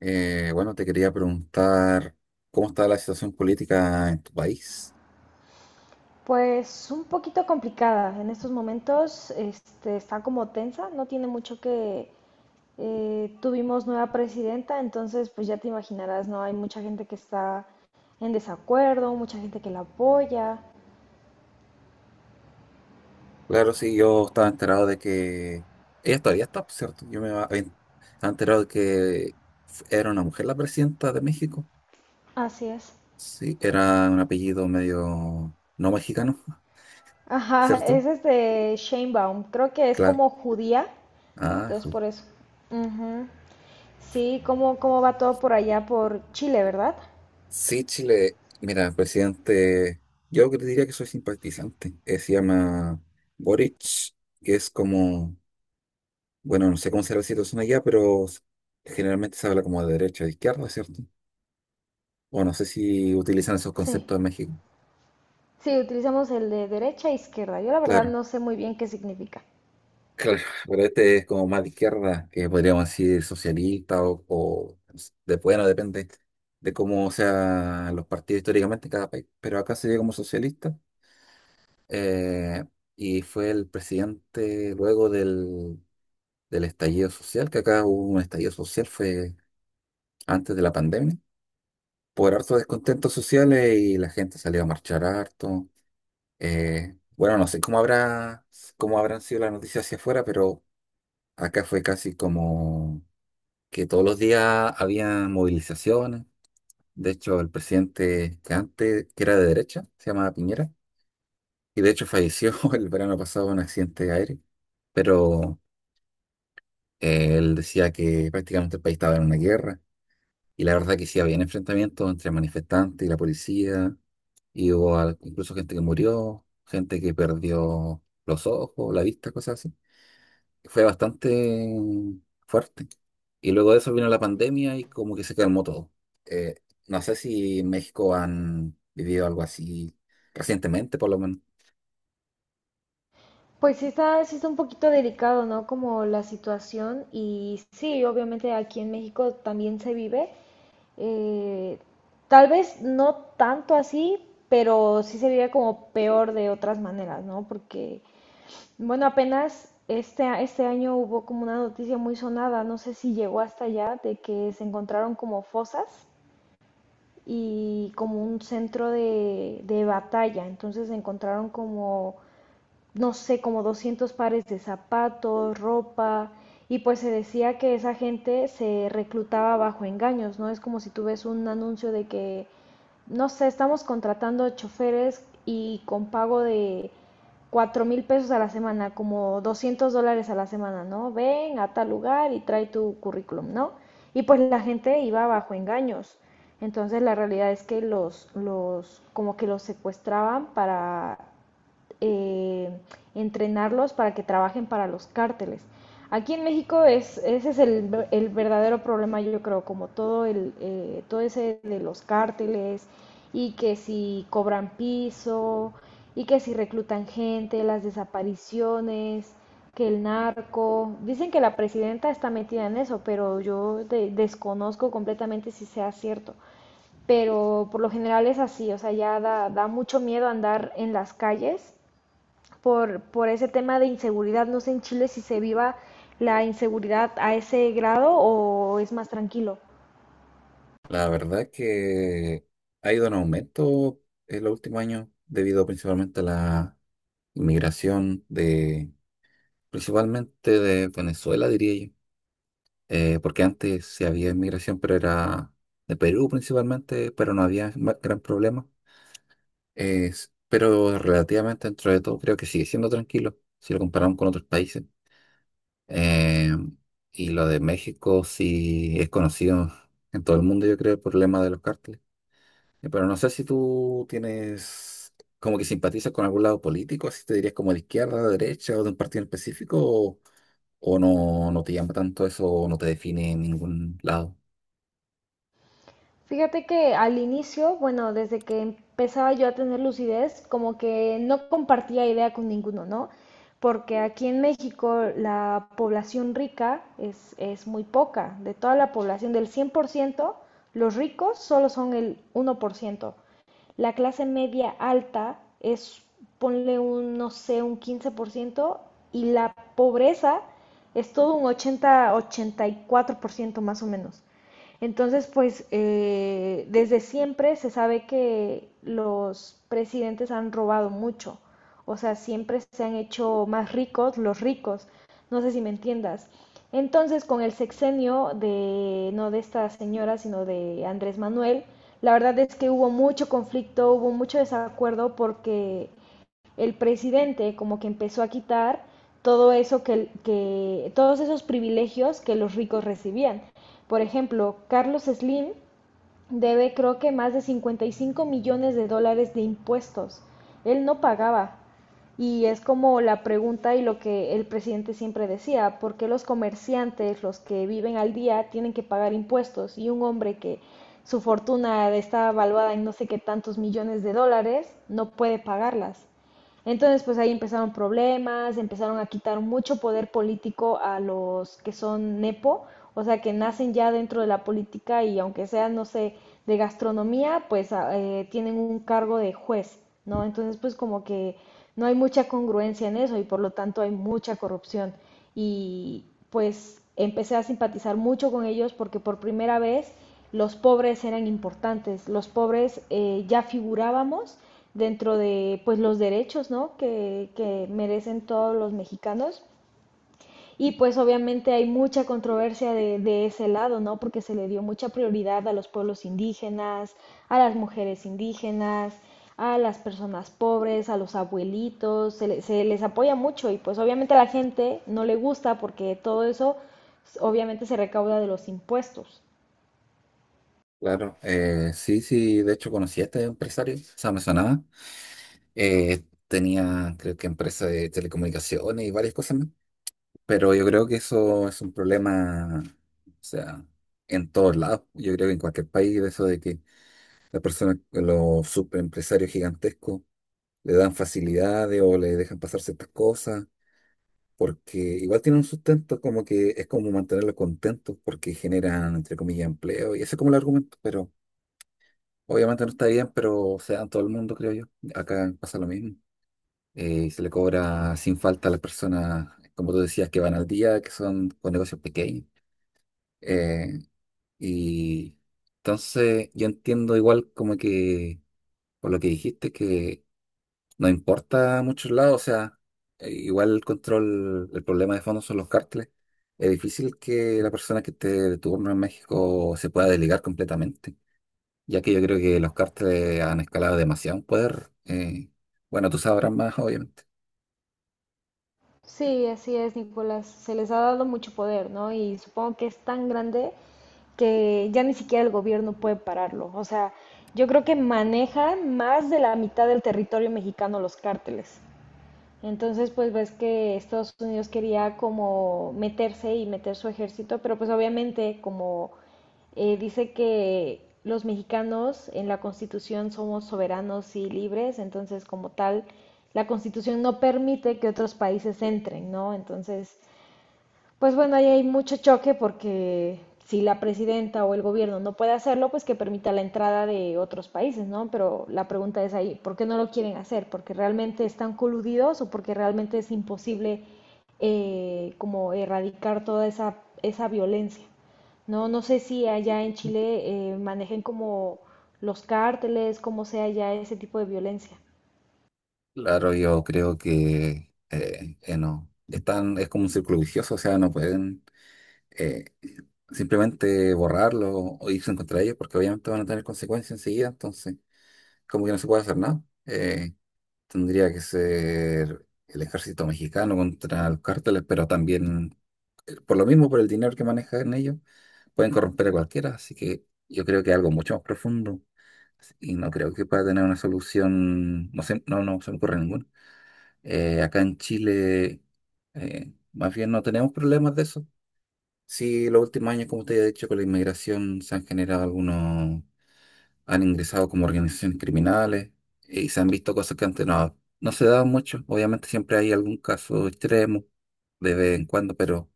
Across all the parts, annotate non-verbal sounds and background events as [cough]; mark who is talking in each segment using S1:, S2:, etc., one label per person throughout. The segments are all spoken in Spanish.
S1: Bueno, Te quería preguntar cómo está la situación política en tu país.
S2: Pues un poquito complicada. En estos momentos está como tensa, no tiene mucho que tuvimos nueva presidenta, entonces pues ya te imaginarás, ¿no? Hay mucha gente que está en desacuerdo, mucha gente que la apoya.
S1: Claro, sí, yo estaba enterado de que ella todavía está, ¿por cierto? Estaba enterado de que era una mujer la presidenta de México.
S2: Así es.
S1: Sí, era un apellido medio no mexicano, [laughs]
S2: Ajá, [laughs]
S1: ¿cierto?
S2: es Sheinbaum, creo que es
S1: Claro.
S2: como judía,
S1: Ah,
S2: entonces
S1: ju-
S2: por eso. Ujú. Sí, ¿cómo va todo por allá por Chile, verdad?
S1: sí, Chile. Mira, presidente, yo que te diría que soy simpatizante. Se llama Boric, que es como... Bueno, no sé cómo será la situación allá, pero generalmente se habla como de derecha o de izquierda, ¿cierto? O no sé si utilizan esos
S2: Sí.
S1: conceptos en México.
S2: Sí, utilizamos el de derecha e izquierda. Yo la verdad
S1: Claro,
S2: no sé muy bien qué significa.
S1: claro, [laughs] pero este es como más de izquierda, que podríamos decir socialista o de... bueno, depende de cómo sean los partidos históricamente en cada país. Pero acá se ve como socialista, eh, y fue el presidente luego del, del estallido social, que acá hubo un estallido social, fue antes de la pandemia por harto descontentos sociales y la gente salió a marchar harto. Bueno, no sé cómo habrá, cómo habrán sido las noticias hacia afuera, pero acá fue casi como que todos los días había movilizaciones. De hecho, el presidente que antes, que era de derecha, se llamaba Piñera, y de hecho falleció [laughs] el verano pasado en un accidente aéreo, pero él decía que prácticamente el país estaba en una guerra. Y la verdad que sí había enfrentamientos entre manifestantes y la policía, y hubo incluso gente que murió, gente que perdió los ojos, la vista, cosas así. Fue bastante fuerte. Y luego de eso vino la pandemia y como que se calmó todo. Eh, no sé si en México han vivido algo así recientemente, por lo menos.
S2: Pues sí está un poquito delicado, ¿no? Como la situación y sí, obviamente aquí en México también se vive. eh, Tal vez no tanto así, pero sí se vive como peor de otras maneras, ¿no? Porque, bueno, apenas este año hubo como una noticia muy sonada, no sé si llegó hasta allá, de que se encontraron como fosas y como un centro de batalla. Entonces encontraron como no sé, como 200 pares de zapatos, ropa, y pues se decía que esa gente se reclutaba bajo engaños, ¿no? Es como si tú ves un anuncio de que, no sé, estamos contratando choferes y con pago de 4,000 pesos a la semana, como $200 a la semana, ¿no? Ven a tal lugar y trae tu currículum, ¿no? Y pues la gente iba bajo engaños. Entonces la realidad es que como que los secuestraban para eh, entrenarlos para que trabajen para los cárteles. Aquí en México ese es el verdadero problema, yo creo, como todo, todo ese de los cárteles y que si cobran piso y que si reclutan gente, las desapariciones, que el narco. Dicen que la presidenta está metida en eso, pero yo desconozco completamente si sea cierto. Pero por lo general es así, o sea, ya da mucho miedo andar en las calles por ese tema de inseguridad. No sé en Chile si se viva la inseguridad a ese grado o es más tranquilo.
S1: La verdad es que ha ido en aumento en los últimos años debido principalmente a la inmigración de... principalmente de Venezuela, diría yo. Porque antes sí había inmigración, pero era de Perú principalmente, pero no había gran problema. Pero relativamente dentro de todo creo que sigue siendo tranquilo si lo comparamos con otros países. Eh, y lo de México sí es conocido en todo el mundo, yo creo, el problema de los cárteles. Pero no sé si tú tienes como que simpatizas con algún lado político, si te dirías como de izquierda, de derecha o de un partido en específico o no, no te llama tanto eso, o no te define en ningún lado.
S2: Fíjate que al inicio, bueno, desde que empezaba yo a tener lucidez, como que no compartía idea con ninguno, ¿no? Porque aquí en México la población rica es muy poca. De toda la población, del 100%, los ricos solo son el 1%. La clase media alta es, ponle un, no sé, un 15%, y la pobreza es todo un 80-84% más o menos. Entonces, pues desde siempre se sabe que los presidentes han robado mucho, o sea, siempre se han hecho más ricos los ricos, no sé si me entiendas. Entonces, con el sexenio de, no de esta señora, sino de Andrés Manuel, la verdad es que hubo mucho conflicto, hubo mucho desacuerdo porque el presidente como que empezó a quitar todo eso que todos esos privilegios que los ricos recibían. Por ejemplo, Carlos Slim debe creo que más de 55 millones de dólares de impuestos. Él no pagaba. Y es como la pregunta y lo que el presidente siempre decía, ¿por qué los comerciantes, los que viven al día, tienen que pagar impuestos? Y un hombre que su fortuna está valuada en no sé qué tantos millones de dólares, no puede pagarlas. Entonces, pues ahí empezaron problemas, empezaron a quitar mucho poder político a los que son nepo, o sea, que nacen ya dentro de la política y aunque sean, no sé, de gastronomía, pues tienen un cargo de juez, ¿no? Entonces, pues como que no hay mucha congruencia en eso y por lo tanto hay mucha corrupción. Y pues empecé a simpatizar mucho con ellos porque por primera vez los pobres eran importantes, los pobres ya figurábamos dentro de pues los derechos, ¿no? Que merecen todos los mexicanos. Y pues obviamente hay mucha controversia ese lado, ¿no? Porque se le dio mucha prioridad a los pueblos indígenas, a las mujeres indígenas, a las personas pobres, a los abuelitos, se les apoya mucho y pues obviamente a la gente no le gusta porque todo eso obviamente se recauda de los impuestos.
S1: Claro, sí, sí, de hecho conocí a este empresario, o sea, me sonaba. Tenía, creo que empresa de telecomunicaciones y varias cosas más, pero yo creo que eso es un problema, o sea, en todos lados. Yo creo que en cualquier país, eso de que las personas, los superempresarios gigantescos, le dan facilidades o le dejan pasar ciertas cosas porque igual tienen un sustento, como que es como mantenerlos contentos porque generan, entre comillas, empleo, y ese es como el argumento, pero obviamente no está bien, pero se da en todo el mundo, creo yo. Acá pasa lo mismo. Se le cobra sin falta a las personas, como tú decías, que van al día, que son con negocios pequeños. Eh, y entonces yo entiendo igual como que, por lo que dijiste, que no importa a muchos lados, o sea, igual el control, el problema de fondo son los cárteles. Es difícil que la persona que esté de turno en México se pueda desligar completamente, ya que yo creo que los cárteles han escalado demasiado en poder. Bueno, tú sabrás más, obviamente.
S2: Sí, así es, Nicolás. Se les ha dado mucho poder, ¿no? Y supongo que es tan grande que ya ni siquiera el gobierno puede pararlo. O sea, yo creo que manejan más de la mitad del territorio mexicano los cárteles. Entonces, pues ves que Estados Unidos quería como meterse y meter su ejército, pero pues obviamente como dice que los mexicanos en la Constitución somos soberanos y libres, entonces como tal, la Constitución no permite que otros países entren, ¿no? Entonces, pues bueno, ahí hay mucho choque porque si la presidenta o el gobierno no puede hacerlo, pues que permita la entrada de otros países, ¿no? Pero la pregunta es ahí, ¿por qué no lo quieren hacer? ¿Porque realmente están coludidos o porque realmente es imposible como erradicar toda esa violencia? No, no sé si allá en Chile manejen como los cárteles, cómo sea ya ese tipo de violencia.
S1: Claro, yo creo que no. Están, es como un círculo vicioso, o sea, no pueden eh, simplemente borrarlo o irse en contra de ellos, porque obviamente van a tener consecuencias enseguida, entonces, como que no se puede hacer nada. Eh, Tendría que ser el ejército mexicano contra los cárteles, pero también, por lo mismo, por el dinero que manejan ellos, pueden corromper a cualquiera. Así que yo creo que es algo mucho más profundo y no creo que pueda tener una solución. No sé, no, no se me ocurre ninguna. Acá en Chile, más bien no tenemos problemas de eso. Sí, los últimos años, como te he dicho, con la inmigración se han generado algunos... han ingresado como organizaciones criminales, y se han visto cosas que antes no, no se daban mucho. Obviamente siempre hay algún caso extremo de vez en cuando, pero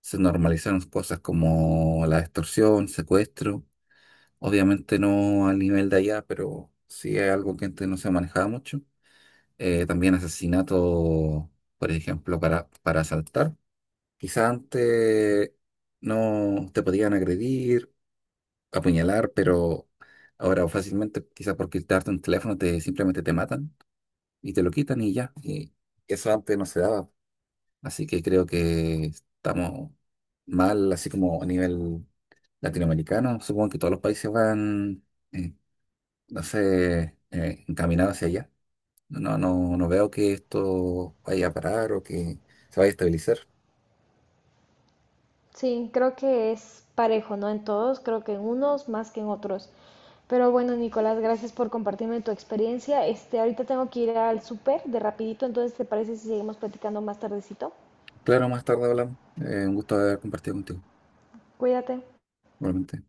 S1: se normalizaron cosas como la extorsión, secuestro. Obviamente no al nivel de allá, pero sí es algo que antes no se manejaba mucho. También asesinato, por ejemplo, para asaltar. Quizás antes no te podían agredir, apuñalar, pero ahora fácilmente, quizás por quitarte un teléfono, te, simplemente te matan y te lo quitan y ya. Y eso antes no se daba. Así que creo que estamos mal, así como a nivel latinoamericano. Supongo que todos los países van, eh, no sé, encaminados hacia allá. No, no, no veo que esto vaya a parar o que se vaya a estabilizar.
S2: Sí, creo que es parejo, ¿no? En todos, creo que en unos más que en otros. Pero bueno, Nicolás, gracias por compartirme tu experiencia. Este, ahorita tengo que ir al súper de rapidito, entonces ¿te parece si seguimos platicando más tardecito?
S1: Claro, más tarde hablamos. Un gusto haber compartido contigo,
S2: Cuídate.
S1: igualmente.